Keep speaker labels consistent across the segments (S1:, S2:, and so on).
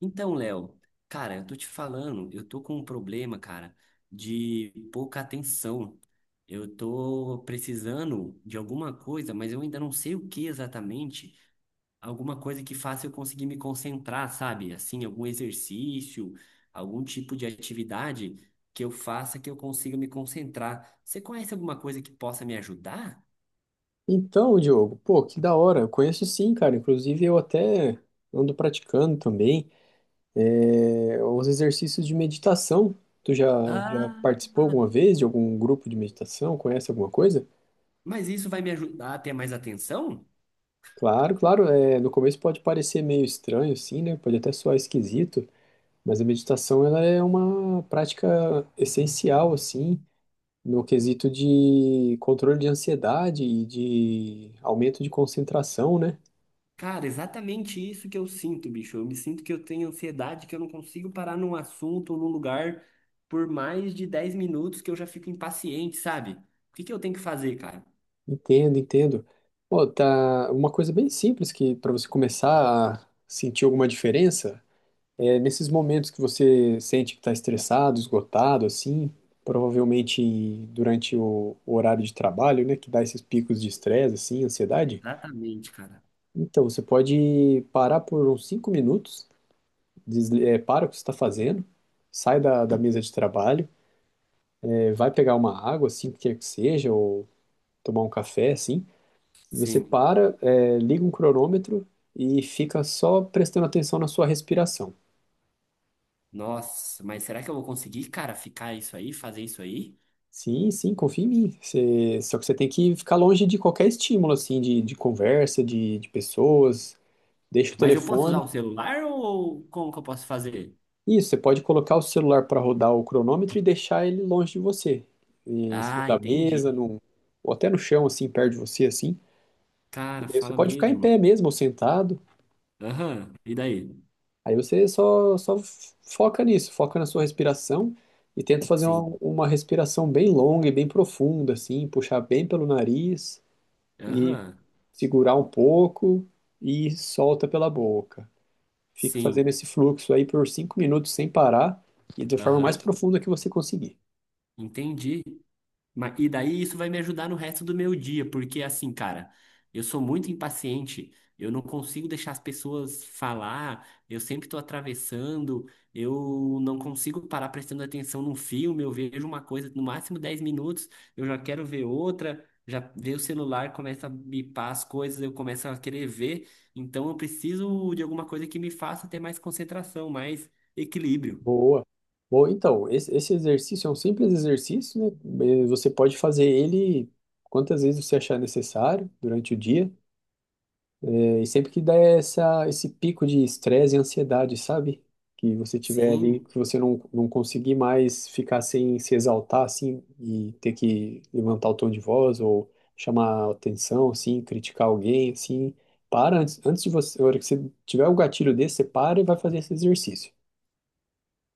S1: Então, Léo, cara, eu tô te falando, eu tô com um problema, cara, de pouca atenção. Eu tô precisando de alguma coisa, mas eu ainda não sei o que exatamente. Alguma coisa que faça eu conseguir me concentrar, sabe? Assim, algum exercício, algum tipo de atividade que eu faça que eu consiga me concentrar. Você conhece alguma coisa que possa me ajudar?
S2: Então, Diogo, pô, que da hora. Eu conheço sim, cara. Inclusive, eu até ando praticando também os exercícios de meditação. Tu já
S1: Ah,
S2: participou alguma vez de algum grupo de meditação? Conhece alguma coisa?
S1: mas isso vai me ajudar a ter mais atenção?
S2: Claro, claro. No começo pode parecer meio estranho, assim, né? Pode até soar esquisito, mas a meditação ela é uma prática essencial, assim, no quesito de controle de ansiedade e de aumento de concentração, né?
S1: Cara, exatamente isso que eu sinto, bicho. Eu me sinto que eu tenho ansiedade, que eu não consigo parar num assunto ou num lugar por mais de 10 minutos que eu já fico impaciente, sabe? O que que eu tenho que fazer, cara?
S2: Entendo, entendo. Pô, tá uma coisa bem simples que para você começar a sentir alguma diferença é nesses momentos que você sente que está estressado, esgotado, assim, provavelmente durante o horário de trabalho, né, que dá esses picos de estresse, assim, ansiedade.
S1: Exatamente, cara.
S2: Então, você pode parar por uns 5 minutos, para o que você está fazendo, sai da mesa de trabalho, vai pegar uma água, assim, o que quer que seja, ou tomar um café, assim. Você
S1: Sim.
S2: para, liga um cronômetro e fica só prestando atenção na sua respiração.
S1: Nossa, mas será que eu vou conseguir, cara, ficar isso aí, fazer isso aí?
S2: Sim, sim, confia em mim. Só que você tem que ficar longe de qualquer estímulo, assim, de conversa, de pessoas. Deixa o
S1: Mas eu posso usar
S2: telefone.
S1: o celular ou como que eu posso fazer?
S2: Isso, você pode colocar o celular para rodar o cronômetro e deixar ele longe de você. E em cima
S1: Ah,
S2: da mesa,
S1: entendi.
S2: ou até no chão, assim, perto de você, assim. E
S1: Cara,
S2: daí você
S1: fala
S2: pode ficar em
S1: mesmo.
S2: pé mesmo, ou sentado.
S1: Aham, e daí?
S2: Aí você só foca nisso, foca na sua respiração e tenta fazer uma,
S1: Sim.
S2: uma respiração bem longa e bem profunda, assim, puxar bem pelo nariz e
S1: Aham.
S2: segurar um pouco e solta pela boca. Fica fazendo
S1: Sim.
S2: esse fluxo aí por 5 minutos sem parar e da forma mais
S1: Aham.
S2: profunda que você conseguir.
S1: Entendi. E daí isso vai me ajudar no resto do meu dia, porque assim, cara, eu sou muito impaciente, eu não consigo deixar as pessoas falar, eu sempre tô atravessando, eu não consigo parar prestando atenção num filme, eu vejo uma coisa no máximo 10 minutos, eu já quero ver outra, já vejo o celular, começa a bipar as coisas, eu começo a querer ver, então eu preciso de alguma coisa que me faça ter mais concentração, mais equilíbrio.
S2: Boa. Bom, então, esse exercício é um simples exercício, né? Você pode fazer ele quantas vezes você achar necessário durante o dia. E sempre que dá esse pico de estresse e ansiedade, sabe? Que você tiver ali,
S1: Sim,
S2: que você não conseguir mais ficar sem se exaltar, assim, e ter que levantar o tom de voz ou chamar atenção, assim, criticar alguém, assim. Para antes, antes de você, na hora que você tiver o gatilho desse, você para e vai fazer esse exercício.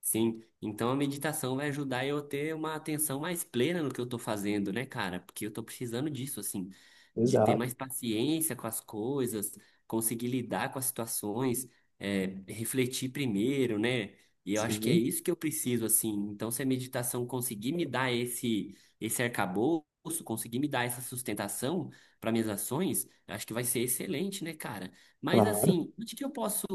S1: sim, então a meditação vai ajudar eu a ter uma atenção mais plena no que eu tô fazendo, né, cara? Porque eu tô precisando disso, assim, de ter
S2: Exato.
S1: mais paciência com as coisas, conseguir lidar com as situações, é, refletir primeiro, né? E eu acho que é
S2: Sim,
S1: isso que eu preciso, assim. Então, se a meditação conseguir me dar esse, esse arcabouço, conseguir me dar essa sustentação para minhas ações, eu acho que vai ser excelente, né, cara? Mas
S2: claro.
S1: assim, onde que eu posso.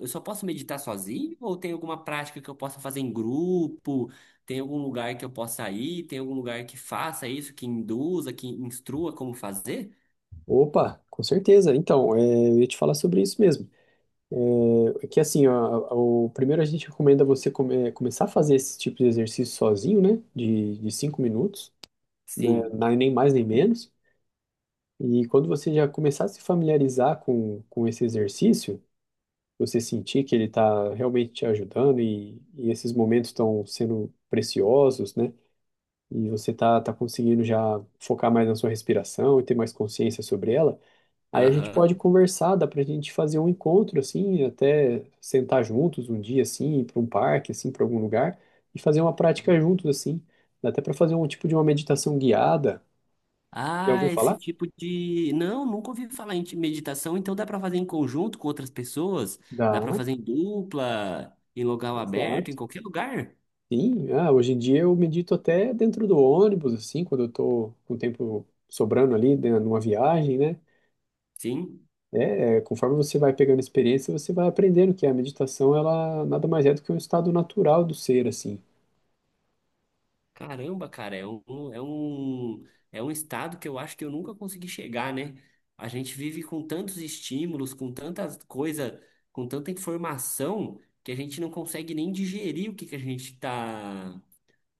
S1: Eu só posso meditar sozinho? Ou tem alguma prática que eu possa fazer em grupo? Tem algum lugar que eu possa ir? Tem algum lugar que faça isso, que induza, que instrua como fazer?
S2: Opa, com certeza. Então, eu ia te falar sobre isso mesmo. É que assim, ó, o primeiro a gente recomenda você começar a fazer esse tipo de exercício sozinho, né? De 5 minutos, né?
S1: Sim.
S2: Nem mais nem menos. E quando você já começar a se familiarizar com esse exercício, você sentir que ele está realmente te ajudando e esses momentos estão sendo preciosos, né? E você tá conseguindo já focar mais na sua respiração e ter mais consciência sobre ela. Aí a gente pode
S1: Aham.
S2: conversar, dá pra gente fazer um encontro, assim, até sentar juntos um dia, assim, ir pra um parque, assim, pra algum lugar, e fazer uma prática juntos, assim. Dá até pra fazer um tipo de uma meditação guiada. Já ouviu
S1: Ah, esse
S2: falar?
S1: tipo de. Não, nunca ouvi falar em meditação, então dá para fazer em conjunto com outras pessoas? Dá
S2: Dá,
S1: para fazer em dupla, em local aberto, em
S2: exato.
S1: qualquer lugar?
S2: Sim, ah, hoje em dia eu medito até dentro do ônibus, assim, quando eu tô com o tempo sobrando ali, né, numa viagem, né?
S1: Sim.
S2: Conforme você vai pegando experiência, você vai aprendendo que a meditação, ela nada mais é do que um estado natural do ser, assim.
S1: Caramba, cara, é um estado que eu acho que eu nunca consegui chegar, né? A gente vive com tantos estímulos, com tantas coisas, com tanta informação, que a gente não consegue nem digerir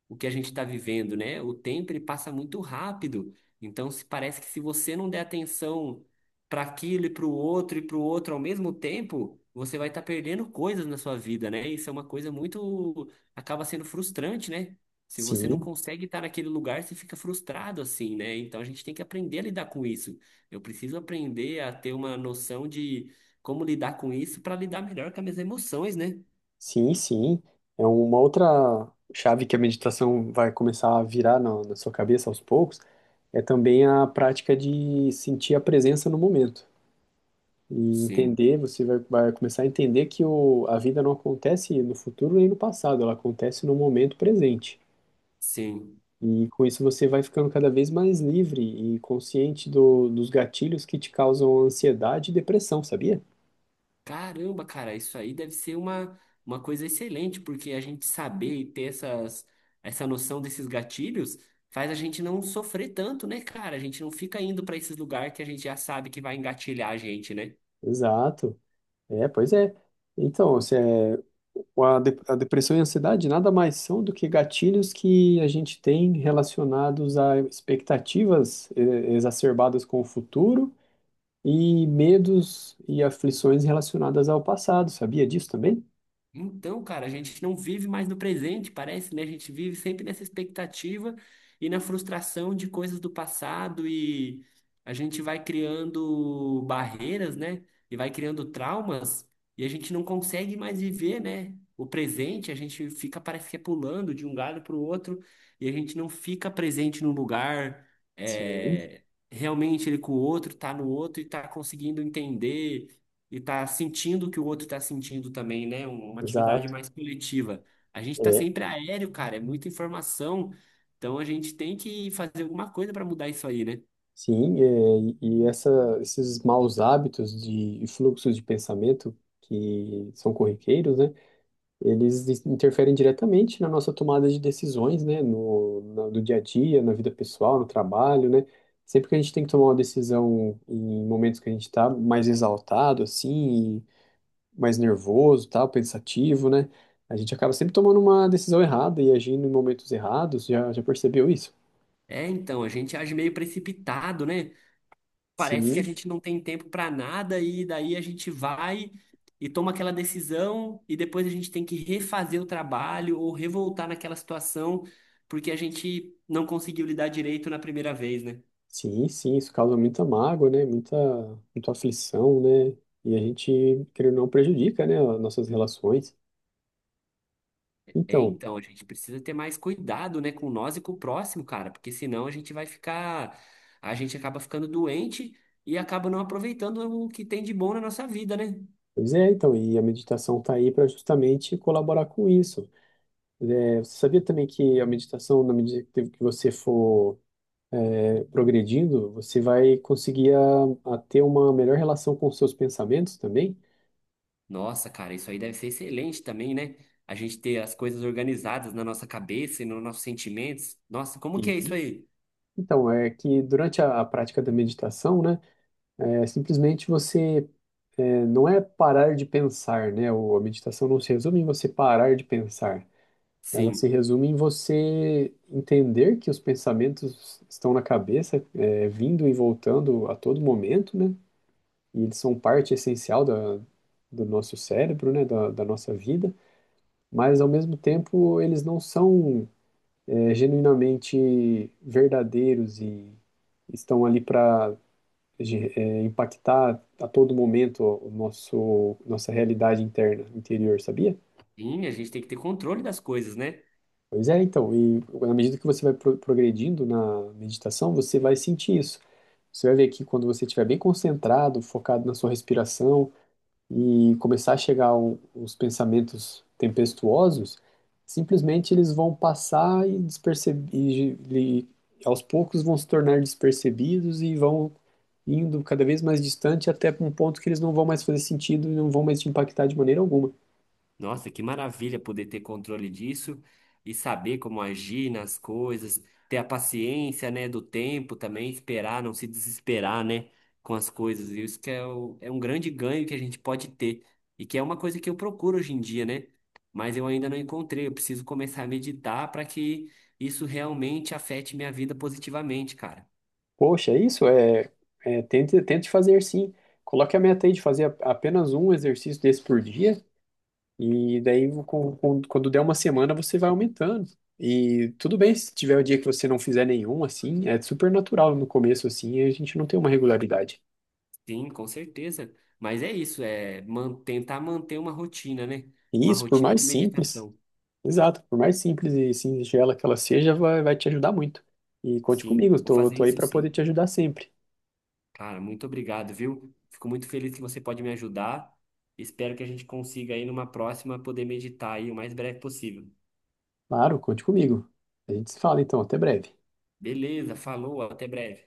S1: o que a gente está vivendo, né? O tempo ele passa muito rápido. Então, se parece que se você não der atenção para aquilo e para o outro e para o outro ao mesmo tempo, você vai estar perdendo coisas na sua vida, né? Isso é uma coisa muito acaba sendo frustrante, né? Se você não
S2: Sim,
S1: consegue estar naquele lugar, você fica frustrado assim, né? Então a gente tem que aprender a lidar com isso. Eu preciso aprender a ter uma noção de como lidar com isso para lidar melhor com as minhas emoções, né?
S2: sim, sim. É uma outra chave que a meditação vai começar a virar na sua cabeça aos poucos, é também a prática de sentir a presença no momento. E
S1: Sim,
S2: entender, você vai começar a entender que a vida não acontece no futuro nem no passado, ela acontece no momento presente.
S1: sim.
S2: E com isso você vai ficando cada vez mais livre e consciente dos gatilhos que te causam ansiedade e depressão, sabia?
S1: Caramba, cara, isso aí deve ser uma coisa excelente, porque a gente saber e ter essas, essa noção desses gatilhos faz a gente não sofrer tanto, né, cara? A gente não fica indo pra esses lugares que a gente já sabe que vai engatilhar a gente, né?
S2: Exato. É, pois é. Então, se é, o- a, de- a depressão e a ansiedade nada mais são do que gatilhos que a gente tem relacionados a expectativas exacerbadas com o futuro e medos e aflições relacionadas ao passado. Sabia disso também?
S1: Então, cara, a gente não vive mais no presente, parece, né? A gente vive sempre nessa expectativa e na frustração de coisas do passado e a gente vai criando barreiras, né? E vai criando traumas e a gente não consegue mais viver, né? O presente, a gente fica, parece que é pulando de um galho para o outro e a gente não fica presente no lugar,
S2: Sim,
S1: é, realmente ele com o outro, tá no outro e tá conseguindo entender e tá sentindo o que o outro tá sentindo também, né? Uma
S2: exato.
S1: atividade mais coletiva. A gente tá
S2: É,
S1: sempre aéreo, cara, é muita informação. Então a gente tem que fazer alguma coisa para mudar isso aí, né?
S2: sim, e esses maus hábitos de e fluxos de pensamento que são corriqueiros, né? Eles interferem diretamente na nossa tomada de decisões, né, no, na- do dia a dia, na vida pessoal, no trabalho, né? Sempre que a gente tem que tomar uma decisão em momentos que a gente está mais exaltado, assim, e mais nervoso, tal, pensativo, né? A gente acaba sempre tomando uma decisão errada e agindo em momentos errados. Já percebeu isso?
S1: É, então, a gente age meio precipitado, né? Parece que a
S2: Sim,
S1: gente não tem tempo para nada e daí a gente vai e toma aquela decisão e depois a gente tem que refazer o trabalho ou revoltar naquela situação porque a gente não conseguiu lidar direito na primeira vez, né?
S2: sim, sim. Isso causa muita mágoa, né? Muita, muita aflição, né? E a gente, querendo ou não, prejudica, né, as nossas relações.
S1: É,
S2: Então,
S1: então, a gente precisa ter mais cuidado, né, com nós e com o próximo, cara, porque senão a gente vai ficar, a gente acaba ficando doente e acaba não aproveitando o que tem de bom na nossa vida, né?
S2: Pois é, então, e a meditação está aí para justamente colaborar com isso. É, você sabia também que a meditação, na medida que você for progredindo, você vai conseguir a ter uma melhor relação com os seus pensamentos também?
S1: Nossa, cara, isso aí deve ser excelente também, né? A gente ter as coisas organizadas na nossa cabeça e nos nossos sentimentos. Nossa, como que é isso
S2: Sim.
S1: aí?
S2: Então, é que durante a prática da meditação, né, simplesmente você não é parar de pensar, né? A meditação não se resume em você parar de pensar. Ela se
S1: Sim,
S2: resume em você entender que os pensamentos estão na cabeça, vindo e voltando a todo momento, né? E eles são parte essencial do nosso cérebro, né? Da nossa vida, mas ao mesmo tempo eles não são, genuinamente verdadeiros e estão ali para impactar a todo momento nossa realidade interna, interior, sabia?
S1: sim, a gente tem que ter controle das coisas, né?
S2: Pois é, então, e na medida que você vai progredindo na meditação, você vai sentir isso. Você vai ver que quando você estiver bem concentrado, focado na sua respiração e começar a chegar os pensamentos tempestuosos, simplesmente eles vão passar e aos poucos vão se tornar despercebidos e vão indo cada vez mais distante até um ponto que eles não vão mais fazer sentido e não vão mais te impactar de maneira alguma.
S1: Nossa, que maravilha poder ter controle disso e saber como agir nas coisas, ter a paciência, né, do tempo também, esperar, não se desesperar, né, com as coisas. E isso que é, é um grande ganho que a gente pode ter e que é uma coisa que eu procuro hoje em dia, né? Mas eu ainda não encontrei. Eu preciso começar a meditar para que isso realmente afete minha vida positivamente, cara.
S2: Poxa, é isso. Tente, tente fazer sim. Coloque a meta aí de fazer apenas um exercício desse por dia, e daí quando der uma semana você vai aumentando. E tudo bem se tiver o dia que você não fizer nenhum, assim, é super natural no começo, assim, a gente não tem uma regularidade.
S1: Sim, com certeza. Mas é isso, é tentar manter uma rotina, né?
S2: E
S1: Uma
S2: isso, por
S1: rotina
S2: mais
S1: de
S2: simples,
S1: meditação.
S2: exato, por mais simples e singela que ela seja, vai te ajudar muito. E conte
S1: Sim,
S2: comigo,
S1: vou
S2: tô,
S1: fazer
S2: tô aí
S1: isso
S2: para poder
S1: sim.
S2: te ajudar sempre.
S1: Cara, muito obrigado, viu? Fico muito feliz que você pode me ajudar. Espero que a gente consiga aí numa próxima poder meditar aí o mais breve possível.
S2: Claro, conte comigo. A gente se fala então, até breve.
S1: Beleza, falou, até breve.